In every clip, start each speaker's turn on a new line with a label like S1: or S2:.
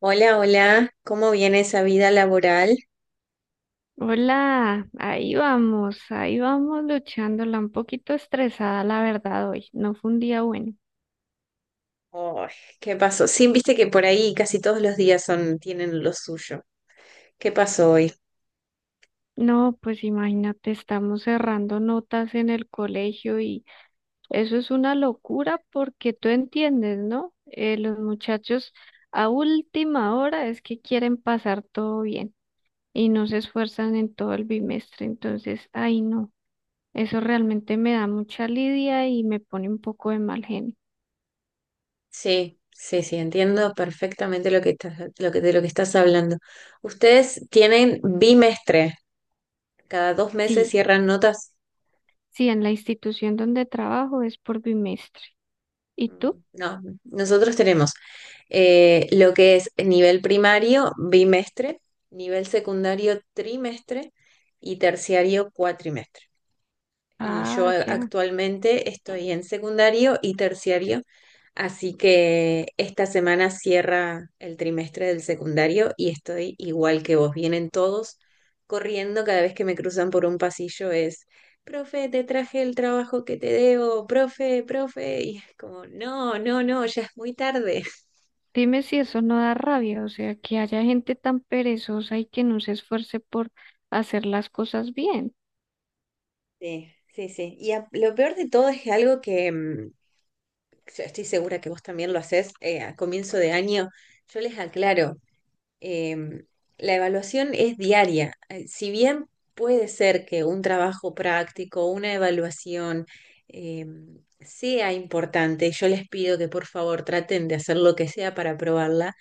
S1: Hola, hola, ¿cómo viene esa vida laboral?
S2: Hola, ahí vamos luchándola, un poquito estresada la verdad hoy, no fue un día bueno.
S1: Ay, ¿qué pasó? Sí, viste que por ahí casi todos los días son, tienen lo suyo. ¿Qué pasó hoy?
S2: No, pues imagínate, estamos cerrando notas en el colegio y eso es una locura porque tú entiendes, ¿no? Los muchachos a última hora es que quieren pasar todo bien y no se esfuerzan en todo el bimestre, entonces, ay no, eso realmente me da mucha lidia y me pone un poco de mal genio.
S1: Sí, sí, sí, entiendo perfectamente lo que estás, lo que, de lo que estás hablando. Ustedes tienen bimestre, cada 2 meses
S2: Sí.
S1: cierran notas.
S2: Sí, en la institución donde trabajo es por bimestre. ¿Y tú?
S1: No, nosotros tenemos lo que es nivel primario, bimestre, nivel secundario, trimestre y terciario, cuatrimestre. Y yo
S2: Ah, ya.
S1: actualmente estoy en secundario y terciario, así que esta semana cierra el trimestre del secundario y estoy igual que vos. Vienen todos corriendo cada vez que me cruzan por un pasillo es, profe, te traje el trabajo que te debo, profe, profe, y es como, no, no, no, ya es muy tarde.
S2: Dime si eso no da rabia, o sea, que haya gente tan perezosa y que no se esfuerce por hacer las cosas bien.
S1: Sí, sí, sí. Y lo peor de todo es que algo que yo estoy segura que vos también lo hacés a comienzo de año. Yo les aclaro, em, la evaluación es diaria. Si bien puede ser que un trabajo práctico, una evaluación sea importante, yo les pido que por favor traten de hacer lo que sea para aprobarla,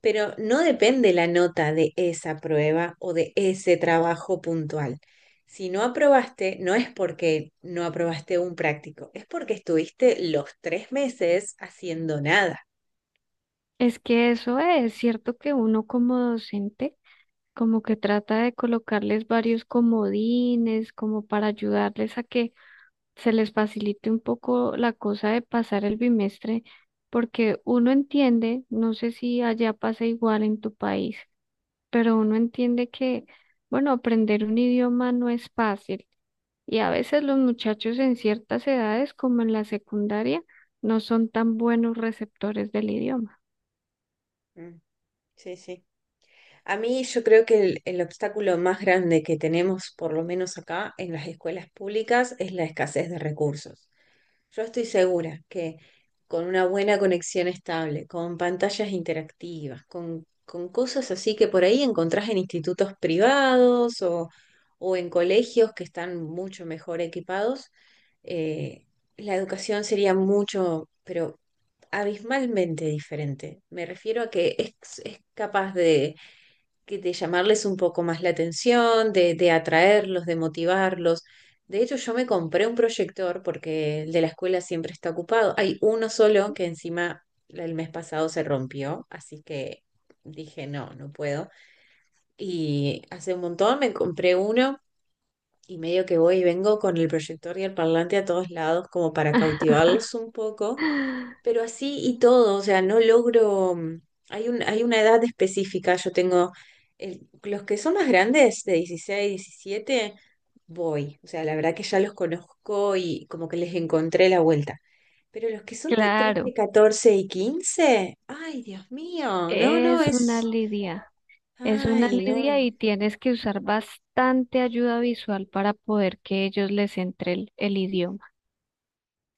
S1: pero no depende la nota de esa prueba o de ese trabajo puntual. Si no aprobaste, no es porque no aprobaste un práctico, es porque estuviste los 3 meses haciendo nada.
S2: Es que eso es cierto que uno como docente como que trata de colocarles varios comodines como para ayudarles a que se les facilite un poco la cosa de pasar el bimestre, porque uno entiende, no sé si allá pasa igual en tu país, pero uno entiende que, bueno, aprender un idioma no es fácil y a veces los muchachos en ciertas edades, como en la secundaria, no son tan buenos receptores del idioma.
S1: Mm, sí, sí. A mí yo creo que el obstáculo más grande que tenemos, por lo menos acá en las escuelas públicas, es la escasez de recursos. Yo estoy segura que con una buena conexión estable, con pantallas interactivas, con cosas así que por ahí encontrás en institutos privados o en colegios que están mucho mejor equipados, eh, la educación sería mucho, pero abismalmente diferente. Me refiero a que es capaz de que de llamarles un poco más la atención, de atraerlos, de motivarlos. De hecho, yo me compré un proyector porque el de la escuela siempre está ocupado. Hay uno solo que encima el mes pasado se rompió, así que dije, no, no puedo. Y hace un montón me compré uno y medio que voy y vengo con el proyector y el parlante a todos lados como para cautivarlos un poco, pero así y todo, o sea, no logro, hay un, hay una edad específica, yo tengo, los que son más grandes, de 16, 17, voy, o sea, la verdad que ya los conozco y como que les encontré la vuelta. Pero los que son de 13,
S2: Claro,
S1: 14 y 15, ay, Dios mío, no, no,
S2: es una
S1: es,
S2: lidia, es una
S1: ay,
S2: lidia
S1: no.
S2: y tienes que usar bastante ayuda visual para poder que ellos les entre el idioma.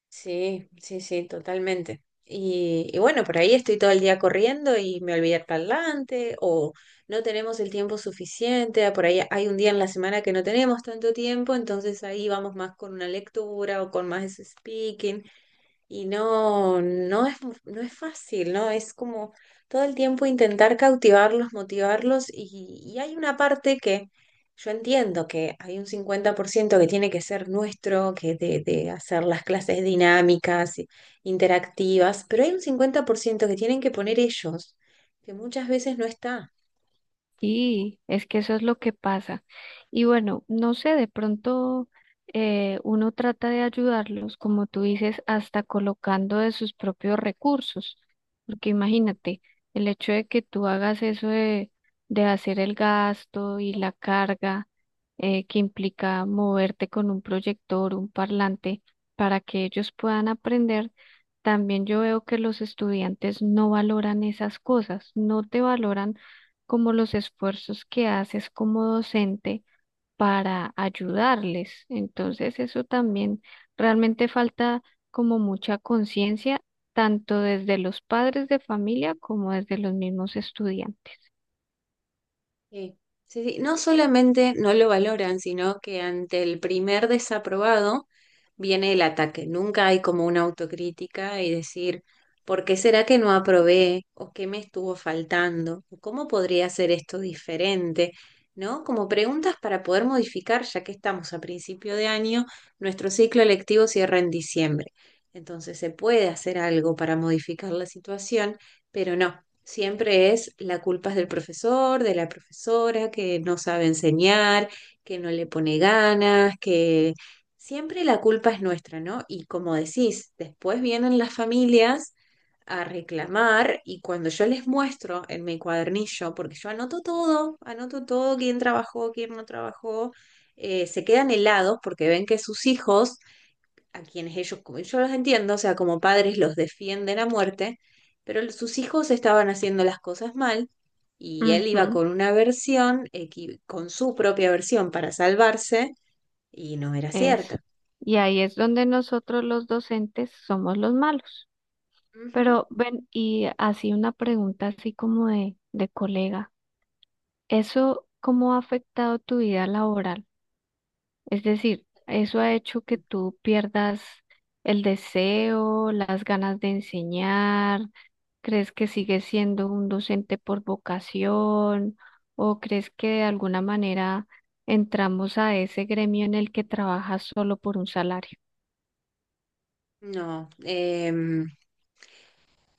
S1: Sí, sí, sí, totalmente. Y bueno, por ahí estoy todo el día corriendo y me olvidé el parlante, o no tenemos el tiempo suficiente, ah, por ahí hay un día en la semana que no tenemos tanto tiempo, entonces ahí vamos más con una lectura o con más speaking. Y no, no es, no es fácil, ¿no? Es como todo el tiempo intentar cautivarlos, motivarlos y hay una parte que yo entiendo que hay un 50% que tiene que ser nuestro, que de hacer las clases dinámicas, interactivas, pero hay un 50% que tienen que poner ellos, que muchas veces no está.
S2: Sí, es que eso es lo que pasa. Y bueno, no sé, de pronto uno trata de ayudarlos, como tú dices, hasta colocando de sus propios recursos. Porque imagínate, el hecho de que tú hagas eso de, hacer el gasto y la carga que implica moverte con un proyector, un parlante, para que ellos puedan aprender. También yo veo que los estudiantes no valoran esas cosas, no te valoran como los esfuerzos que haces como docente para ayudarles. Entonces, eso también realmente falta como mucha conciencia, tanto desde los padres de familia como desde los mismos estudiantes.
S1: Sí, sí, sí. No solamente no lo valoran, sino que ante el primer desaprobado viene el ataque. Nunca hay como una autocrítica y decir, ¿por qué será que no aprobé? ¿O qué me estuvo faltando? ¿O ¿Cómo podría hacer esto diferente? ¿No? Como preguntas para poder modificar, ya que estamos a principio de año, nuestro ciclo electivo cierra en diciembre. Entonces se puede hacer algo para modificar la situación, pero no. Siempre es la culpa es del profesor, de la profesora, que no sabe enseñar, que no le pone ganas, que siempre la culpa es nuestra, ¿no? Y como decís, después vienen las familias a reclamar y cuando yo les muestro en mi cuadernillo, porque yo anoto todo, quién trabajó, quién no trabajó, se quedan helados porque ven que sus hijos a quienes ellos, como yo los entiendo, o sea, como padres los defienden a muerte, pero sus hijos estaban haciendo las cosas mal y él iba
S2: Ujú,
S1: con una versión, con su propia versión para salvarse y no era
S2: eso.
S1: cierta.
S2: Y ahí es donde nosotros los docentes somos los malos.
S1: Ujú.
S2: Pero ven, y así una pregunta así como de colega, ¿eso cómo ha afectado tu vida laboral? Es decir, ¿eso ha hecho que tú pierdas el deseo, las ganas de enseñar, crees que sigues siendo un docente por vocación o crees que de alguna manera entramos a ese gremio en el que trabajas solo por un salario?
S1: No,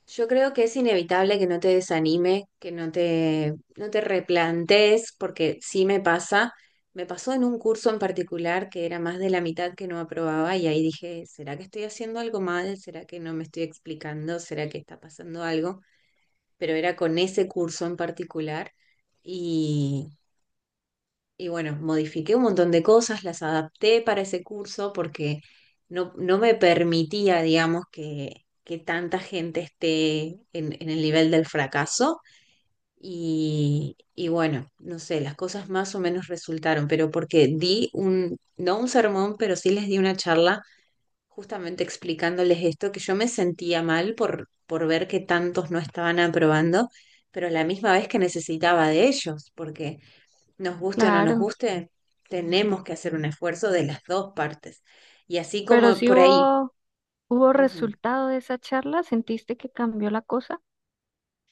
S1: yo creo que es inevitable que no te desanime, que no te replantees, porque sí me pasa. Me pasó en un curso en particular que era más de la mitad que no aprobaba y ahí dije, ¿será que estoy haciendo algo mal? ¿Será que no me estoy explicando? ¿Será que está pasando algo? Pero era con ese curso en particular y, y bueno, modifiqué un montón de cosas, las adapté para ese curso porque no, no me permitía, digamos, que tanta gente esté en el nivel del fracaso. Y bueno, no sé, las cosas más o menos resultaron, pero porque di un, no un sermón, pero sí les di una charla justamente explicándoles esto, que yo me sentía mal por ver que tantos no estaban aprobando, pero a la misma vez que necesitaba de ellos, porque nos guste o no nos
S2: Claro,
S1: guste, tenemos que hacer un esfuerzo de las dos partes. Y así
S2: pero
S1: como
S2: si
S1: por ahí.
S2: hubo, ¿hubo
S1: Ujú.
S2: resultado de esa charla? ¿Sentiste que cambió la cosa?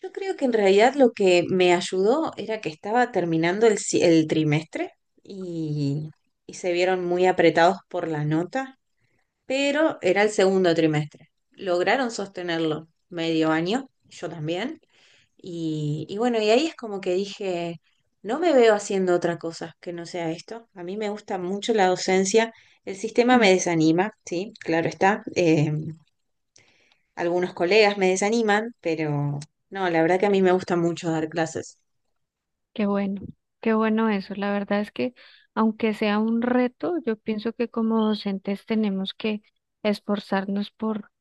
S1: Yo creo que en realidad lo que me ayudó era que estaba terminando el trimestre y, y se vieron muy apretados por la nota, pero era el segundo trimestre. Lograron sostenerlo medio año, yo también, y bueno, y ahí es como que dije, no me veo haciendo otra cosa que no sea esto. A mí me gusta mucho la docencia. El sistema me desanima, sí, claro está. Algunos colegas me desaniman, pero no, la verdad que a mí me gusta mucho dar clases.
S2: Qué bueno, qué bueno eso. La verdad es que aunque sea un reto, yo pienso que como docentes tenemos que esforzarnos por,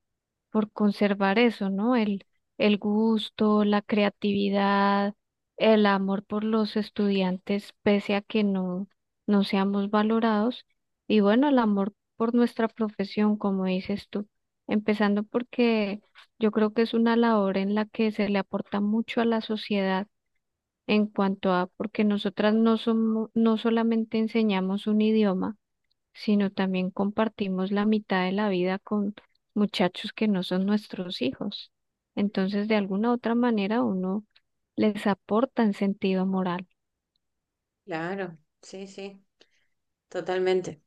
S2: conservar eso, ¿no? El gusto, la creatividad, el amor por los estudiantes, pese a que no seamos valorados. Y bueno, el amor por nuestra profesión, como dices tú, empezando porque yo creo que es una labor en la que se le aporta mucho a la sociedad en cuanto a, porque nosotras no somos, no solamente enseñamos un idioma, sino también compartimos la mitad de la vida con muchachos que no son nuestros hijos. Entonces, de alguna otra manera, uno les aporta en sentido moral.
S1: Claro, sí, sí, totalmente.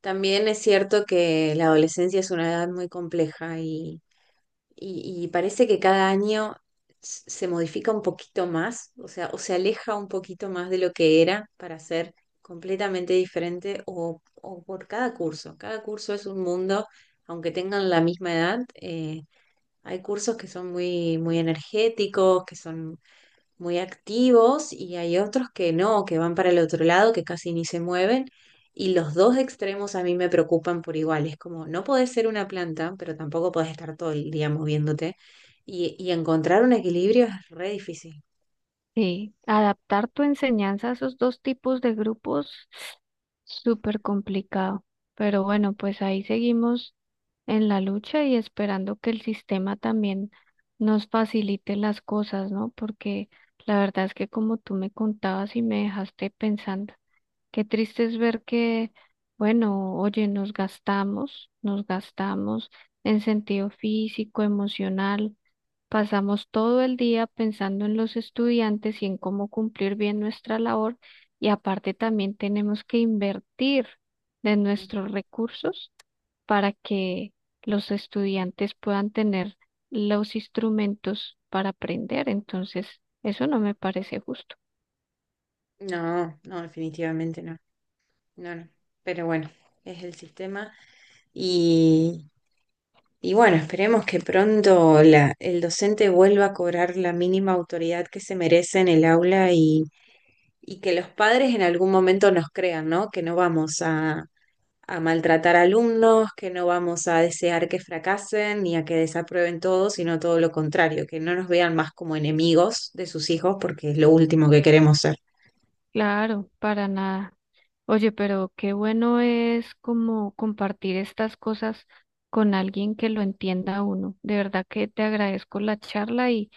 S1: También es cierto que la adolescencia es una edad muy compleja y parece que cada año se modifica un poquito más, o sea, o se aleja un poquito más de lo que era para ser completamente diferente o por cada curso. Cada curso es un mundo, aunque tengan la misma edad. Hay cursos que son muy, muy energéticos, que son muy activos y hay otros que no, que van para el otro lado, que casi ni se mueven. Y los dos extremos a mí me preocupan por igual. Es como, no podés ser una planta, pero tampoco podés estar todo el día moviéndote. Y encontrar un equilibrio es re difícil.
S2: Sí, adaptar tu enseñanza a esos dos tipos de grupos, súper complicado. Pero bueno, pues ahí seguimos en la lucha y esperando que el sistema también nos facilite las cosas, ¿no? Porque la verdad es que como tú me contabas y me dejaste pensando, qué triste es ver que, bueno, oye, nos gastamos en sentido físico, emocional. Pasamos todo el día pensando en los estudiantes y en cómo cumplir bien nuestra labor y aparte también tenemos que invertir de
S1: Ujú.
S2: nuestros recursos para que los estudiantes puedan tener los instrumentos para aprender. Entonces, eso no me parece justo.
S1: No, no, definitivamente no. No, no. Pero bueno, es el sistema. Y, y bueno, esperemos que pronto la, el docente vuelva a cobrar la mínima autoridad que se merece en el aula y que los padres en algún momento nos crean, ¿no? Que no vamos a maltratar alumnos, que no vamos a desear que fracasen ni a que desaprueben todo, sino todo lo contrario, que no nos vean más como enemigos de sus hijos porque es lo último que queremos ser.
S2: Claro, para nada. Oye, pero qué bueno es como compartir estas cosas con alguien que lo entienda a uno. De verdad que te agradezco la charla. y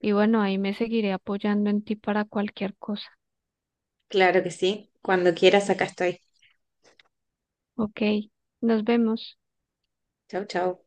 S2: Y bueno, ahí me seguiré apoyando en ti para cualquier cosa.
S1: Claro que sí. Cuando quieras, acá estoy.
S2: Ok, nos vemos.
S1: Chau, chau.